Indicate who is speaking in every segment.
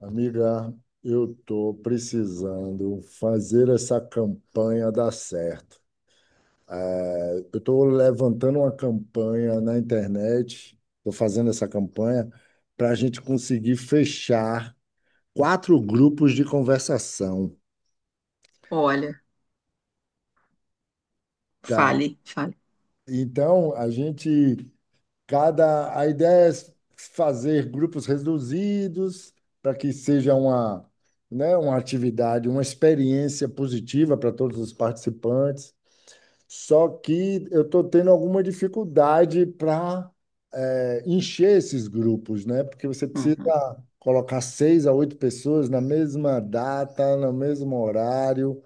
Speaker 1: Amiga, eu estou precisando fazer essa campanha dar certo. Eu estou levantando uma campanha na internet, estou fazendo essa campanha para a gente conseguir fechar quatro grupos de conversação,
Speaker 2: Olha,
Speaker 1: tá?
Speaker 2: fale, fale.
Speaker 1: Então, a ideia é fazer grupos reduzidos para que seja uma, né, uma atividade, uma experiência positiva para todos os participantes. Só que eu estou tendo alguma dificuldade para encher esses grupos, né? Porque você precisa
Speaker 2: Uhum.
Speaker 1: colocar seis a oito pessoas na mesma data, no mesmo horário,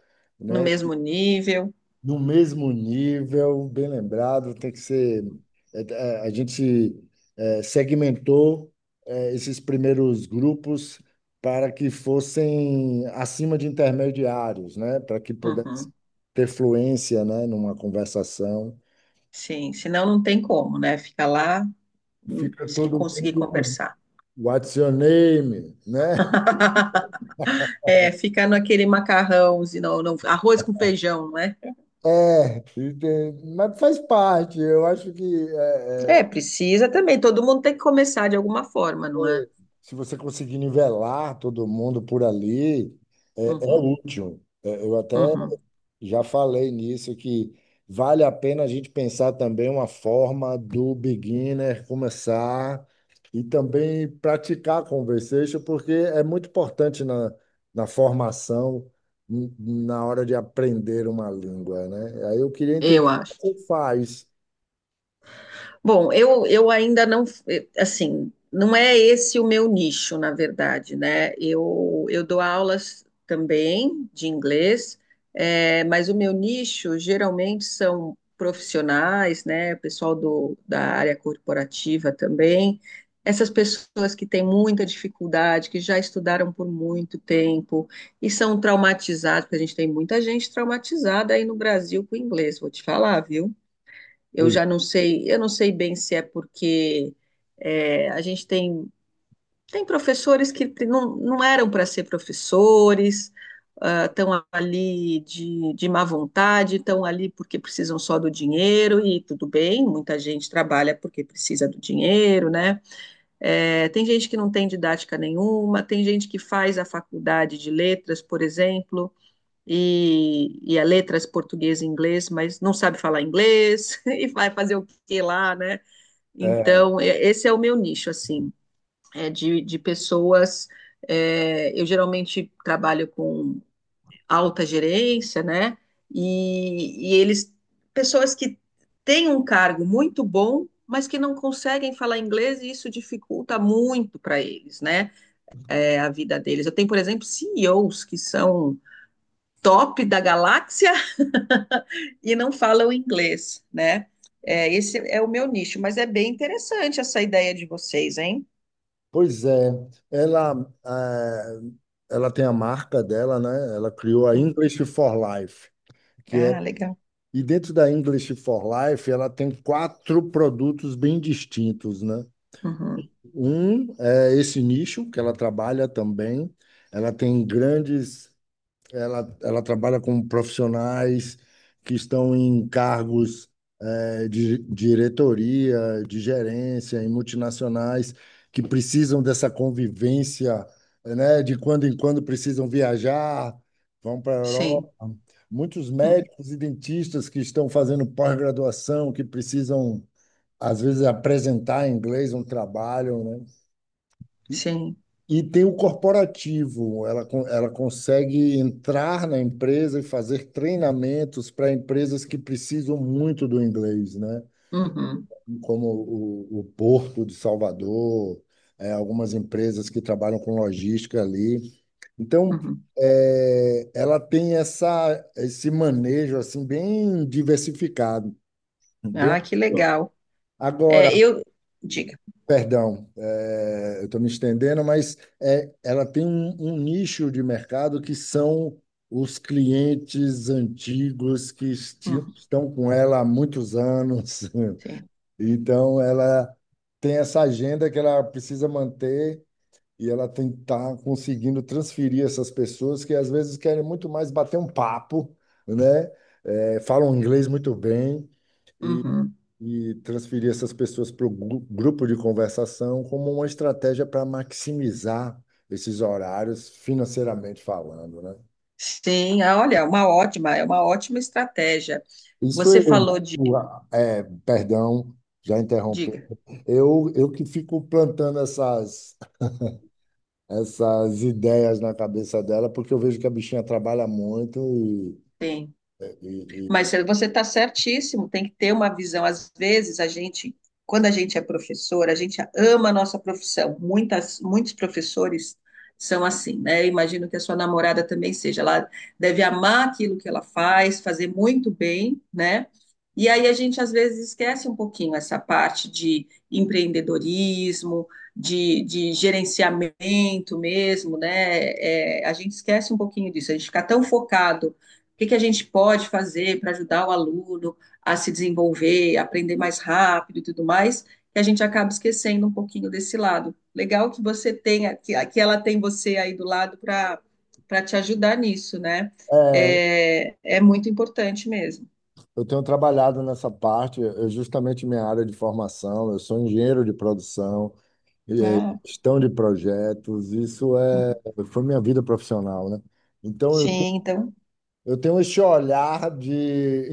Speaker 2: No
Speaker 1: né?
Speaker 2: mesmo nível.
Speaker 1: No mesmo nível, bem lembrado, tem que ser. A gente segmentou esses primeiros grupos para que fossem acima de intermediários, né? Para que pudesse
Speaker 2: Uhum.
Speaker 1: ter fluência, né? Numa conversação.
Speaker 2: Sim, senão não tem como, né? Fica lá
Speaker 1: Fica
Speaker 2: sem
Speaker 1: todo
Speaker 2: conseguir
Speaker 1: mundo,
Speaker 2: conversar.
Speaker 1: what's your name, né?
Speaker 2: É, ficar naquele macarrão, senão, não, arroz com feijão, não é?
Speaker 1: Mas faz parte. Eu acho que é,
Speaker 2: É,
Speaker 1: é,
Speaker 2: precisa também. Todo mundo tem que começar de alguma forma, não é?
Speaker 1: se você conseguir nivelar todo mundo por ali, é
Speaker 2: Uhum,
Speaker 1: útil. É, eu até
Speaker 2: uhum.
Speaker 1: já falei nisso que vale a pena a gente pensar também uma forma do beginner começar e também praticar conversation, porque é muito importante na, na formação, na hora de aprender uma língua, né? Aí eu queria entender
Speaker 2: Eu acho.
Speaker 1: como faz.
Speaker 2: Bom, eu ainda não, assim, não é esse o meu nicho, na verdade, né? Eu dou aulas também de inglês, é, mas o meu nicho geralmente são profissionais, né? Pessoal da área corporativa também. Essas pessoas que têm muita dificuldade, que já estudaram por muito tempo e são traumatizados, porque a gente tem muita gente traumatizada aí no Brasil com o inglês, vou te falar, viu? Eu
Speaker 1: Pois
Speaker 2: já não sei, eu não sei bem se é porque é, a gente tem, tem professores que não eram para ser professores, estão ali de má vontade, estão ali porque precisam só do dinheiro, e tudo bem, muita gente trabalha porque precisa do dinheiro, né? É, tem gente que não tem didática nenhuma, tem gente que faz a faculdade de letras, por exemplo, e a letras português e inglês, mas não sabe falar inglês e vai fazer o que lá, né?
Speaker 1: é,
Speaker 2: Então, esse é o meu nicho, assim, é de pessoas. É, eu geralmente trabalho com alta gerência, né? E eles, pessoas que têm um cargo muito bom, mas que não conseguem falar inglês e isso dificulta muito para eles, né? É a vida deles. Eu tenho, por exemplo, CEOs que são top da galáxia e não falam inglês, né? É, esse é o meu nicho, mas é bem interessante essa ideia de vocês, hein?
Speaker 1: pois é. ela, eh, Ela tem a marca dela, né? Ela criou a
Speaker 2: Uhum.
Speaker 1: English for Life. Que é
Speaker 2: Ah, legal.
Speaker 1: E dentro da English for Life, ela tem quatro produtos bem distintos, né?
Speaker 2: Uhum.
Speaker 1: Um é esse nicho que ela trabalha também. Ela tem grandes, Ela trabalha com profissionais que estão em cargos de diretoria, de gerência em multinacionais que precisam dessa convivência, né? De quando em quando precisam viajar, vão para a Europa.
Speaker 2: Sim.
Speaker 1: Muitos
Speaker 2: Uhum.
Speaker 1: médicos e dentistas que estão fazendo pós-graduação, que precisam, às vezes, apresentar em inglês um trabalho, né? E,
Speaker 2: Sim.
Speaker 1: e tem o corporativo, ela consegue entrar na empresa e fazer treinamentos para empresas que precisam muito do inglês, né?
Speaker 2: Uhum.
Speaker 1: Como o Porto de Salvador, é, algumas empresas que trabalham com logística ali. Então,
Speaker 2: Uhum.
Speaker 1: ela tem esse manejo assim bem diversificado, bem.
Speaker 2: Ah, que legal.
Speaker 1: Agora,
Speaker 2: É, eu. Diga.
Speaker 1: perdão, eu estou me estendendo, mas ela tem um nicho de mercado que são os clientes antigos que
Speaker 2: Uhum.
Speaker 1: estão com ela há muitos anos.
Speaker 2: Sim.
Speaker 1: Então, ela tem essa agenda que ela precisa manter e ela tem que estar conseguindo transferir essas pessoas que às vezes querem muito mais bater um papo, né? É, falam inglês muito bem e,
Speaker 2: Uhum.
Speaker 1: e transferir essas pessoas para o grupo de conversação como uma estratégia para maximizar esses horários financeiramente falando, né?
Speaker 2: Sim, ah, olha, uma ótima, é uma ótima estratégia.
Speaker 1: Isso
Speaker 2: Você
Speaker 1: eu,
Speaker 2: falou de.
Speaker 1: o- perdão, já interrompi.
Speaker 2: Diga.
Speaker 1: Eu que fico plantando essas ideias na cabeça dela, porque eu vejo que a bichinha trabalha muito e,
Speaker 2: Sim.
Speaker 1: e-
Speaker 2: Mas
Speaker 1: e-
Speaker 2: você está certíssimo, tem que ter uma visão. Às vezes, a gente, quando a gente é professor, a gente ama a nossa profissão. Muitos professores são assim, né? Imagino que a sua namorada também seja. Ela deve amar aquilo que ela faz, fazer muito bem, né? E aí a gente às vezes esquece um pouquinho essa parte de empreendedorismo, de gerenciamento mesmo, né? É, a gente esquece um pouquinho disso, a gente fica tão focado o que, que a gente pode fazer para ajudar o aluno a se desenvolver, aprender mais rápido e tudo mais, que a gente acaba esquecendo um pouquinho desse lado. Legal que você tenha, que ela tem você aí do lado para para te ajudar nisso, né?
Speaker 1: é,
Speaker 2: É, é muito importante mesmo.
Speaker 1: eu tenho trabalhado nessa parte, é justamente minha área de formação, eu sou engenheiro de produção,
Speaker 2: Ah,
Speaker 1: gestão de projetos, isso é, foi minha vida profissional, né? Então eu, te-
Speaker 2: sim, então.
Speaker 1: eu tenho esse olhar de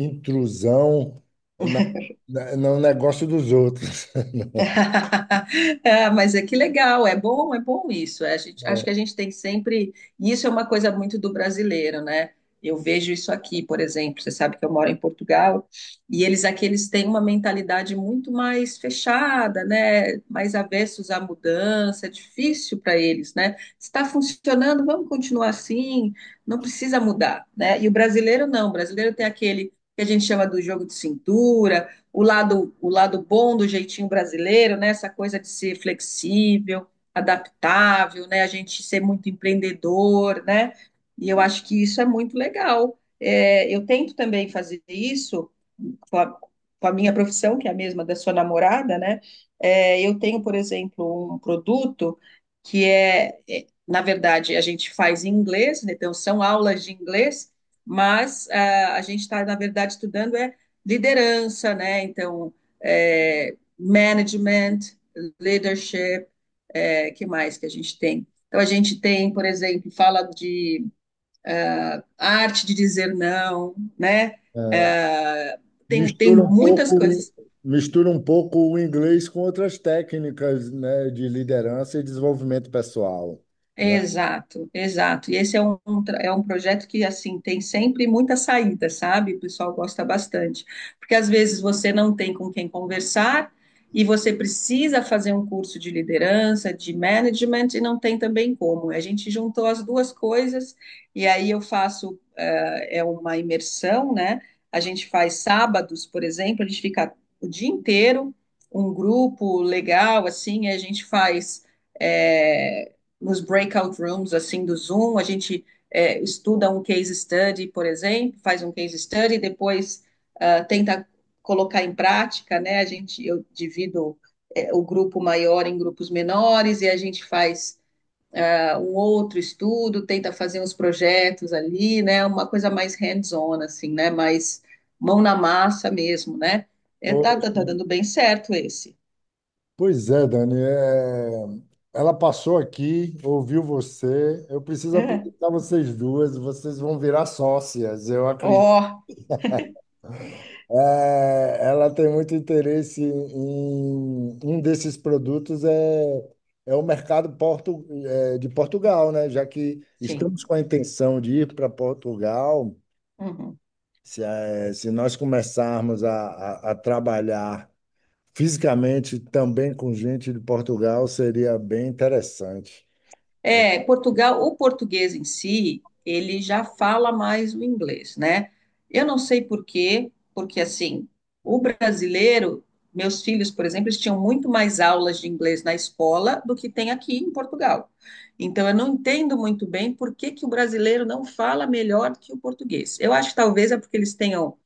Speaker 1: intrusão na, no negócio dos outros.
Speaker 2: É, mas é que legal, é bom isso. É, acho que a gente tem sempre. E isso é uma coisa muito do brasileiro, né? Eu vejo isso aqui, por exemplo. Você sabe que eu moro em Portugal e eles aqui eles têm uma mentalidade muito mais fechada, né? Mais avessos à mudança. É difícil para eles, né? Está funcionando, vamos continuar assim. Não precisa mudar, né? E o brasileiro não. O brasileiro tem aquele que a gente chama do jogo de cintura, o lado bom do jeitinho brasileiro, né? Essa coisa de ser flexível, adaptável, né? A gente ser muito empreendedor, né? E eu acho que isso é muito legal. É, eu tento também fazer isso com a, com a minha profissão, que é a mesma da sua namorada, né? É, eu tenho, por exemplo, um produto que é, é, na verdade, a gente faz em inglês, né? Então são aulas de inglês, mas ah, a gente está, na verdade, estudando é liderança, né? Então, é, management, leadership, é, que mais que a gente tem? Então, a gente tem, por exemplo, fala de arte de dizer não, né? É, tem
Speaker 1: Mistura um
Speaker 2: muitas
Speaker 1: pouco,
Speaker 2: coisas.
Speaker 1: mistura um pouco o inglês com outras técnicas, né, de liderança e desenvolvimento pessoal, né?
Speaker 2: Exato, exato. E esse é um, é um projeto que, assim, tem sempre muita saída, sabe? O pessoal gosta bastante. Porque às vezes você não tem com quem conversar e você precisa fazer um curso de liderança, de management, e não tem também como. A gente juntou as duas coisas e aí eu faço, é uma imersão, né? A gente faz sábados, por exemplo, a gente fica o dia inteiro, um grupo legal, assim, e a gente faz. eh, nos breakout rooms assim do Zoom, a gente é, estuda um case study, por exemplo, faz um case study, depois tenta colocar em prática, né? A gente eu divido é, o grupo maior em grupos menores e a gente faz um outro estudo, tenta fazer uns projetos ali, né? Uma coisa mais hands-on assim, né? Mais mão na massa mesmo, né? É, tá
Speaker 1: Poxa,
Speaker 2: dando bem certo esse.
Speaker 1: pois é, Dani, é, ela passou aqui, ouviu você. Eu preciso
Speaker 2: É.
Speaker 1: apresentar vocês duas, vocês vão virar sócias, eu.
Speaker 2: Ó,
Speaker 1: É, ela tem muito interesse em um desses produtos. É o mercado de Portugal, né? Já que estamos
Speaker 2: sim.
Speaker 1: com a intenção de ir para Portugal,
Speaker 2: Uhum.
Speaker 1: se nós começarmos a trabalhar fisicamente também com gente de Portugal, seria bem interessante.
Speaker 2: É, Portugal, o português em si, ele já fala mais o inglês, né? Eu não sei por quê, porque assim, o brasileiro, meus filhos, por exemplo, eles tinham muito mais aulas de inglês na escola do que tem aqui em Portugal. Então, eu não entendo muito bem por que que o brasileiro não fala melhor que o português. Eu acho que talvez é porque eles tenham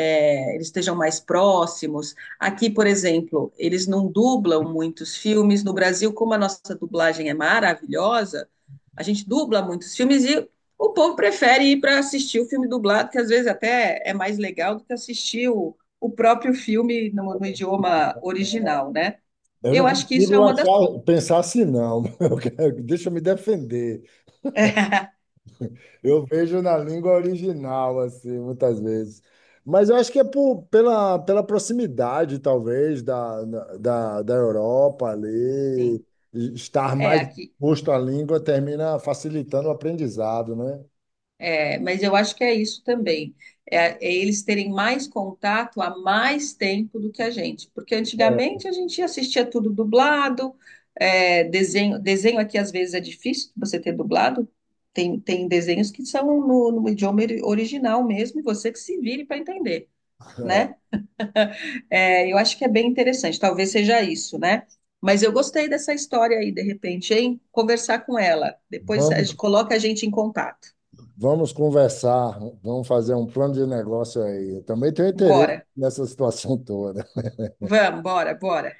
Speaker 2: é, eles estejam mais próximos. Aqui, por exemplo, eles não dublam muitos filmes. No Brasil, como a nossa dublagem é maravilhosa, a gente dubla muitos filmes e o povo prefere ir para assistir o filme dublado, que às vezes até é mais legal do que assistir o próprio filme no idioma original, né?
Speaker 1: Eu não
Speaker 2: Eu acho que isso é
Speaker 1: consigo
Speaker 2: uma das.
Speaker 1: achar, pensar assim, não. Deixa eu me defender. Eu vejo na língua original, assim, muitas vezes. Mas eu acho que é por, pela, pela proximidade, talvez, da Europa ali,
Speaker 2: Sim.
Speaker 1: e estar
Speaker 2: É,
Speaker 1: mais
Speaker 2: aqui,
Speaker 1: exposto à língua termina facilitando o aprendizado, né?
Speaker 2: é, mas eu acho que é isso também. É, é eles terem mais contato há mais tempo do que a gente. Porque antigamente a gente assistia tudo dublado, é, desenho, desenho aqui às vezes é difícil você ter dublado. Tem desenhos que são no idioma original mesmo, e você que se vire para entender,
Speaker 1: É,
Speaker 2: né? É, eu acho que é bem interessante, talvez seja isso, né? Mas eu gostei dessa história aí, de repente, hein? Conversar com ela. Depois a gente
Speaker 1: vamos,
Speaker 2: coloca a gente em contato.
Speaker 1: vamos conversar, vamos fazer um plano de negócio aí. Eu também tenho interesse
Speaker 2: Bora.
Speaker 1: nessa situação toda.
Speaker 2: Vamos, bora, bora.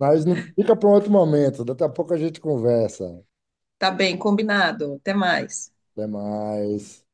Speaker 1: Mas não, fica para um outro momento, daqui a pouco a gente conversa.
Speaker 2: Tá bem, combinado. Até mais.
Speaker 1: Até mais.